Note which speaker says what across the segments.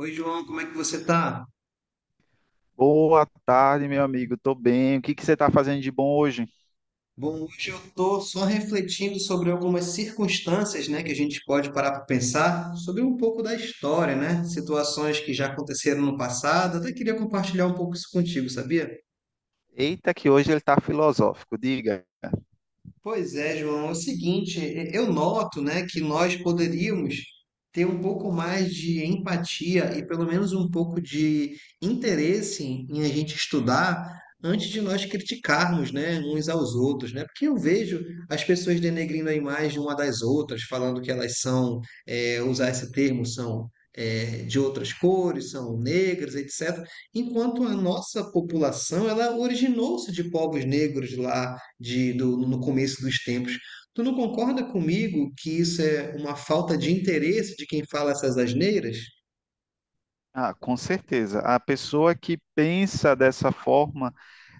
Speaker 1: Oi, João, como é que você tá?
Speaker 2: Boa tarde, meu amigo. Tô bem. O que que você tá fazendo de bom hoje?
Speaker 1: Bom, hoje eu tô só refletindo sobre algumas circunstâncias, né, que a gente pode parar para pensar sobre um pouco da história, né? Situações que já aconteceram no passado. Até queria compartilhar um pouco isso contigo, sabia?
Speaker 2: Eita, que hoje ele tá filosófico. Diga.
Speaker 1: Pois é, João. É o seguinte, eu noto, né, que nós poderíamos ter um pouco mais de empatia e pelo menos um pouco de interesse em a gente estudar antes de nós criticarmos, né, uns aos outros, né? Porque eu vejo as pessoas denegrindo a imagem uma das outras, falando que elas são, usar esse termo, são de outras cores, são negras, etc. Enquanto a nossa população, ela originou-se de povos negros lá no começo dos tempos. Tu não concorda comigo que isso é uma falta de interesse de quem fala essas asneiras?
Speaker 2: Ah, com certeza. A pessoa que pensa dessa forma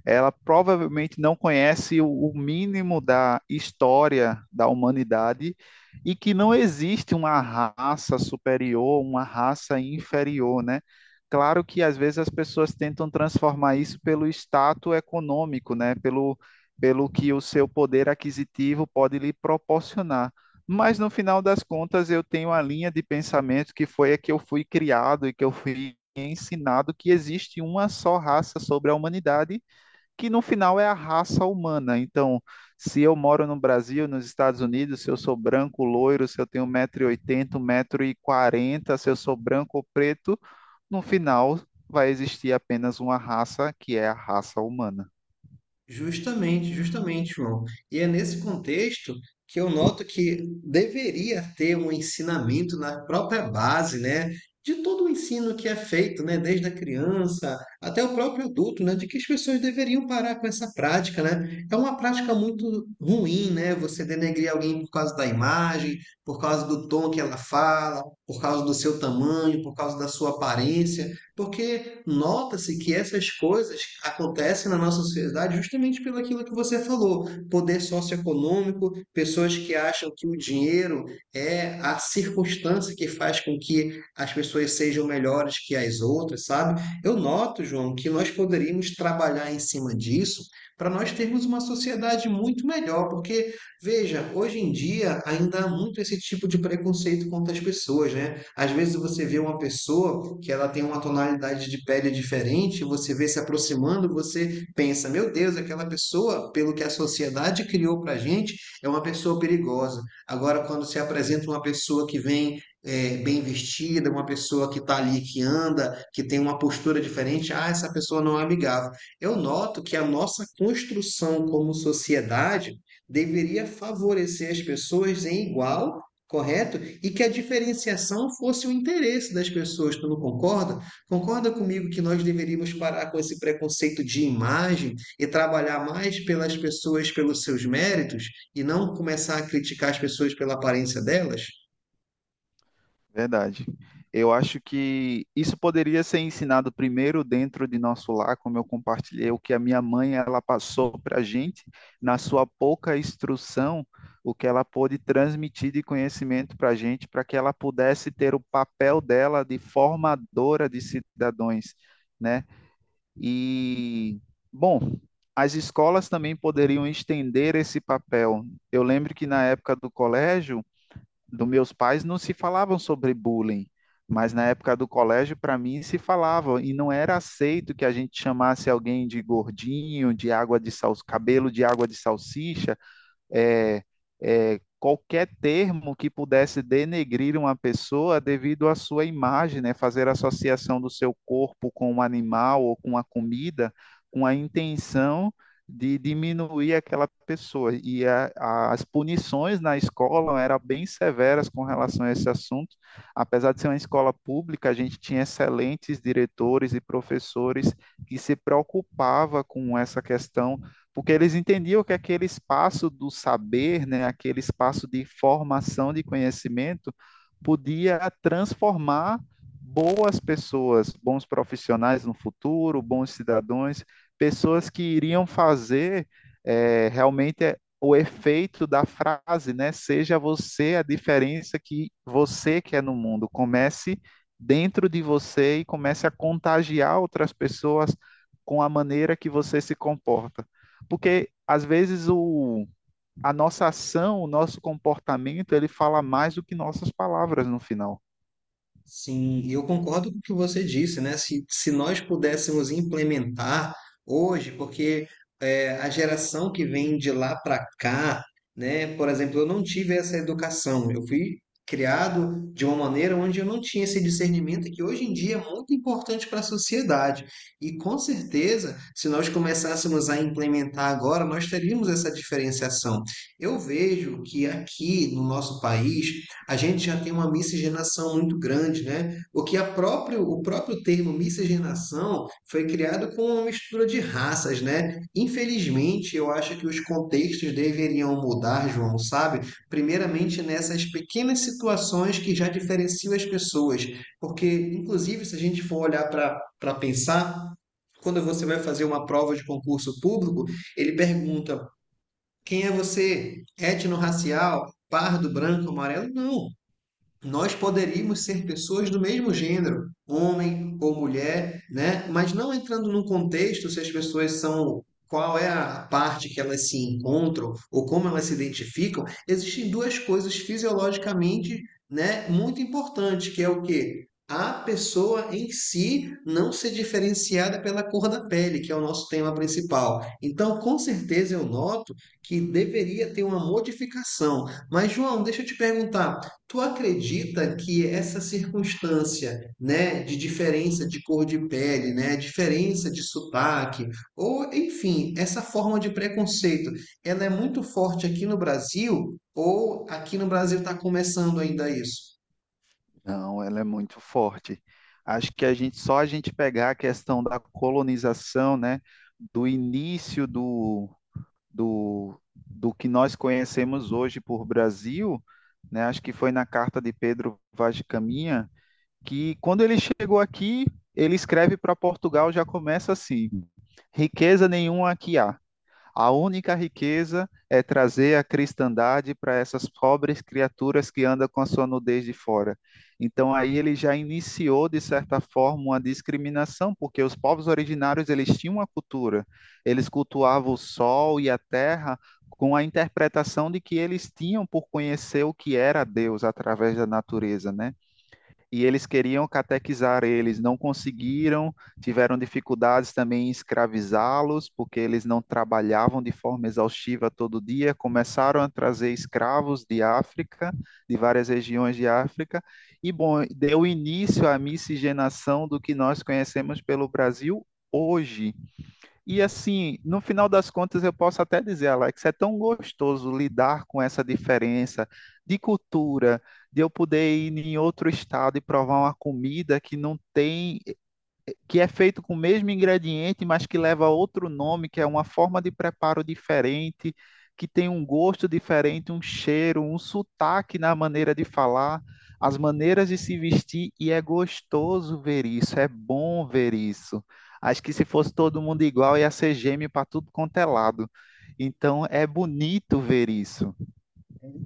Speaker 2: ela provavelmente não conhece o mínimo da história da humanidade e que não existe uma raça superior, uma raça inferior, né? Claro que às vezes as pessoas tentam transformar isso pelo status econômico, né? Pelo que o seu poder aquisitivo pode lhe proporcionar. Mas no final das contas, eu tenho a linha de pensamento que foi a que eu fui criado e que eu fui ensinado que existe uma só raça sobre a humanidade que no final é a raça humana. Então, se eu moro no Brasil, nos Estados Unidos, se eu sou branco, loiro, se eu tenho um 180 metro e 40, se eu sou branco ou preto, no final vai existir apenas uma raça, que é a raça humana.
Speaker 1: Justamente, justamente, João. E é nesse contexto que eu noto que deveria ter um ensinamento na própria base, né, de todo o ensino que é feito, né, desde a criança até o próprio adulto, né, de que as pessoas deveriam parar com essa prática, né? É uma prática muito ruim, né? Você denegrir alguém por causa da imagem, por causa do tom que ela fala, por causa do seu tamanho, por causa da sua aparência, porque nota-se que essas coisas acontecem na nossa sociedade justamente pelo aquilo que você falou, poder socioeconômico, pessoas que acham que o dinheiro é a circunstância que faz com que as pessoas sejam melhores que as outras, sabe? Eu noto, João, que nós poderíamos trabalhar em cima disso para nós termos uma sociedade muito melhor, porque veja, hoje em dia ainda há muito esse tipo de preconceito contra as pessoas, né? Às vezes você vê uma pessoa que ela tem uma tonalidade de pele diferente, você vê se aproximando, você pensa, meu Deus, aquela pessoa, pelo que a sociedade criou para a gente, é uma pessoa perigosa. Agora, quando se apresenta uma pessoa que vem bem vestida, uma pessoa que está ali, que anda, que tem uma postura diferente, ah, essa pessoa não é amigável. Eu noto que a nossa construção como sociedade deveria favorecer as pessoas em igual, correto? E que a diferenciação fosse o interesse das pessoas, tu não concorda? Concorda comigo que nós deveríamos parar com esse preconceito de imagem e trabalhar mais pelas pessoas pelos seus méritos e não começar a criticar as pessoas pela aparência delas?
Speaker 2: Verdade. Eu acho que isso poderia ser ensinado primeiro dentro de nosso lar, como eu compartilhei, o que a minha mãe ela passou para a gente, na sua pouca instrução, o que ela pôde transmitir de conhecimento para a gente, para que ela pudesse ter o papel dela de formadora de cidadãos, né? E, bom, as escolas também poderiam estender esse papel. Eu lembro que na época do colégio, dos meus pais não se falavam sobre bullying, mas na época do colégio, para mim, se falava, e não era aceito que a gente chamasse alguém de gordinho, de água de sal, cabelo de água de salsicha, é, qualquer termo que pudesse denegrir uma pessoa devido à sua imagem, né? Fazer associação do seu corpo com um animal ou com uma comida, com a intenção de diminuir aquela pessoa. E as punições na escola eram bem severas com relação a esse assunto. Apesar de ser uma escola pública, a gente tinha excelentes diretores e professores que se preocupava com essa questão porque eles entendiam que aquele espaço do saber, né, aquele espaço de formação de conhecimento, podia transformar boas pessoas, bons profissionais no futuro, bons cidadãos, pessoas que iriam fazer realmente o efeito da frase, né? Seja você a diferença que você quer no mundo. Comece dentro de você e comece a contagiar outras pessoas com a maneira que você se comporta. Porque às vezes a nossa ação, o nosso comportamento, ele fala mais do que nossas palavras no final.
Speaker 1: Sim, e eu concordo com o que você disse, né? Se nós pudéssemos implementar hoje, porque a geração que vem de lá para cá, né? Por exemplo, eu não tive essa educação, eu fui criado de uma maneira onde eu não tinha esse discernimento que hoje em dia é muito importante para a sociedade. E com certeza, se nós começássemos a implementar agora, nós teríamos essa diferenciação. Eu vejo que aqui no nosso país, a gente já tem uma miscigenação muito grande, né? O que o próprio termo miscigenação foi criado com uma mistura de raças, né? Infelizmente, eu acho que os contextos deveriam mudar, João, sabe? Primeiramente nessas pequenas situações que já diferenciam as pessoas, porque inclusive se a gente for olhar para pensar, quando você vai fazer uma prova de concurso público, ele pergunta: quem é você? Étnico-racial? Pardo, branco, amarelo? Não, nós poderíamos ser pessoas do mesmo gênero, homem ou mulher, né? Mas não entrando num contexto se as pessoas são qual é a parte que elas se encontram ou como elas se identificam, existem duas coisas fisiologicamente, né, muito importantes, que é o quê? A pessoa em si não ser diferenciada pela cor da pele, que é o nosso tema principal. Então, com certeza eu noto que deveria ter uma modificação. Mas João, deixa eu te perguntar, tu acredita que essa circunstância, né, de diferença de cor de pele, né, diferença de sotaque, ou enfim, essa forma de preconceito, ela é muito forte aqui no Brasil ou aqui no Brasil está começando ainda isso?
Speaker 2: Não, ela é muito forte. Acho que a gente só a gente pegar a questão da colonização, né, do início do que nós conhecemos hoje por Brasil, né, acho que foi na carta de Pedro Vaz de Caminha, que quando ele chegou aqui, ele escreve para Portugal, já começa assim: riqueza nenhuma aqui há. A única riqueza é trazer a cristandade para essas pobres criaturas que andam com a sua nudez de fora. Então aí ele já iniciou de certa forma uma discriminação, porque os povos originários eles tinham uma cultura, eles cultuavam o sol e a terra com a interpretação de que eles tinham por conhecer o que era Deus através da natureza, né? E eles queriam catequizar eles, não conseguiram, tiveram dificuldades também em escravizá-los, porque eles não trabalhavam de forma exaustiva todo dia, começaram a trazer escravos de África, de várias regiões de África, e bom, deu início à miscigenação do que nós conhecemos pelo Brasil hoje. E assim, no final das contas, eu posso até dizer, Alex, é tão gostoso lidar com essa diferença de cultura, de eu poder ir em outro estado e provar uma comida que não tem, que é feito com o mesmo ingrediente, mas que leva outro nome, que é uma forma de preparo diferente, que tem um gosto diferente, um cheiro, um sotaque na maneira de falar, as maneiras de se vestir, e é gostoso ver isso, é bom ver isso. Acho que se fosse todo mundo igual, ia ser gêmeo para tudo quanto é lado. Então é bonito ver isso.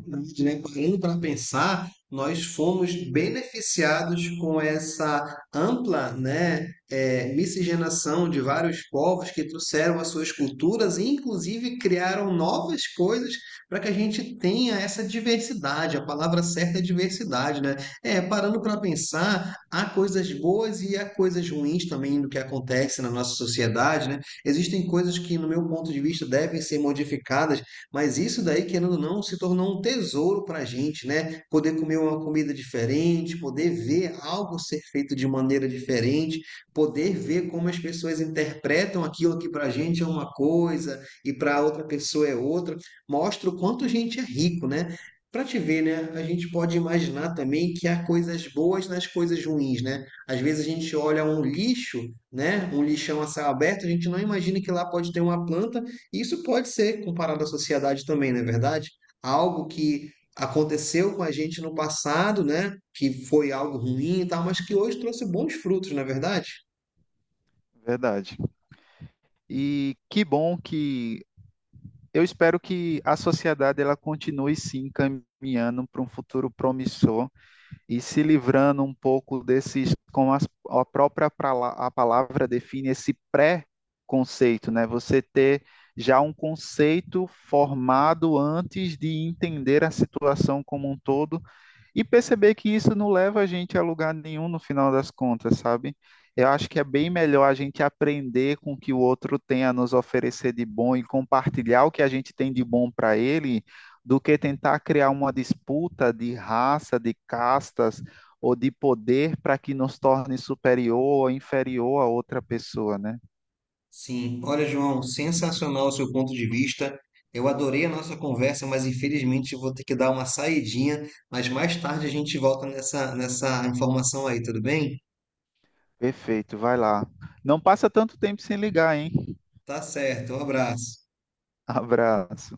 Speaker 1: Verdade, né? Parando para pensar, nós fomos beneficiados com essa ampla, né, miscigenação de vários povos que trouxeram as suas culturas e, inclusive, criaram novas coisas para que a gente tenha essa diversidade. A palavra certa é diversidade, né? Parando para pensar, há coisas boas e há coisas ruins também do que acontece na nossa sociedade, né? Existem coisas que, no meu ponto de vista, devem ser modificadas, mas isso daí, querendo ou não, se tornou um tesouro para a gente, né? Poder comer uma comida diferente, poder ver algo ser feito de maneira diferente, poder ver como as pessoas interpretam aquilo que para a gente é uma coisa e para outra pessoa é outra, mostra o quanto a gente é rico, né? Para te ver, né? A gente pode imaginar também que há coisas boas nas coisas ruins, né? Às vezes a gente olha um lixo, né? Um lixão a céu aberto, a gente não imagina que lá pode ter uma planta, isso pode ser comparado à sociedade também, não é verdade? Algo que aconteceu com a gente no passado, né? Que foi algo ruim e tal, mas que hoje trouxe bons frutos, não é verdade?
Speaker 2: Verdade. E que bom que eu espero que a sociedade ela continue se encaminhando para um futuro promissor e se livrando um pouco desses, a própria a palavra define, esse pré-conceito, né? Você ter já um conceito formado antes de entender a situação como um todo e perceber que isso não leva a gente a lugar nenhum no final das contas, sabe? Eu acho que é bem melhor a gente aprender com o que o outro tem a nos oferecer de bom e compartilhar o que a gente tem de bom para ele, do que tentar criar uma disputa de raça, de castas ou de poder para que nos torne superior ou inferior a outra pessoa, né?
Speaker 1: Sim. Olha, João, sensacional o seu ponto de vista. Eu adorei a nossa conversa, mas infelizmente eu vou ter que dar uma saidinha, mas mais tarde a gente volta nessa informação aí, tudo bem?
Speaker 2: Perfeito, vai lá. Não passa tanto tempo sem ligar, hein?
Speaker 1: Tá certo. Um abraço.
Speaker 2: Abraço.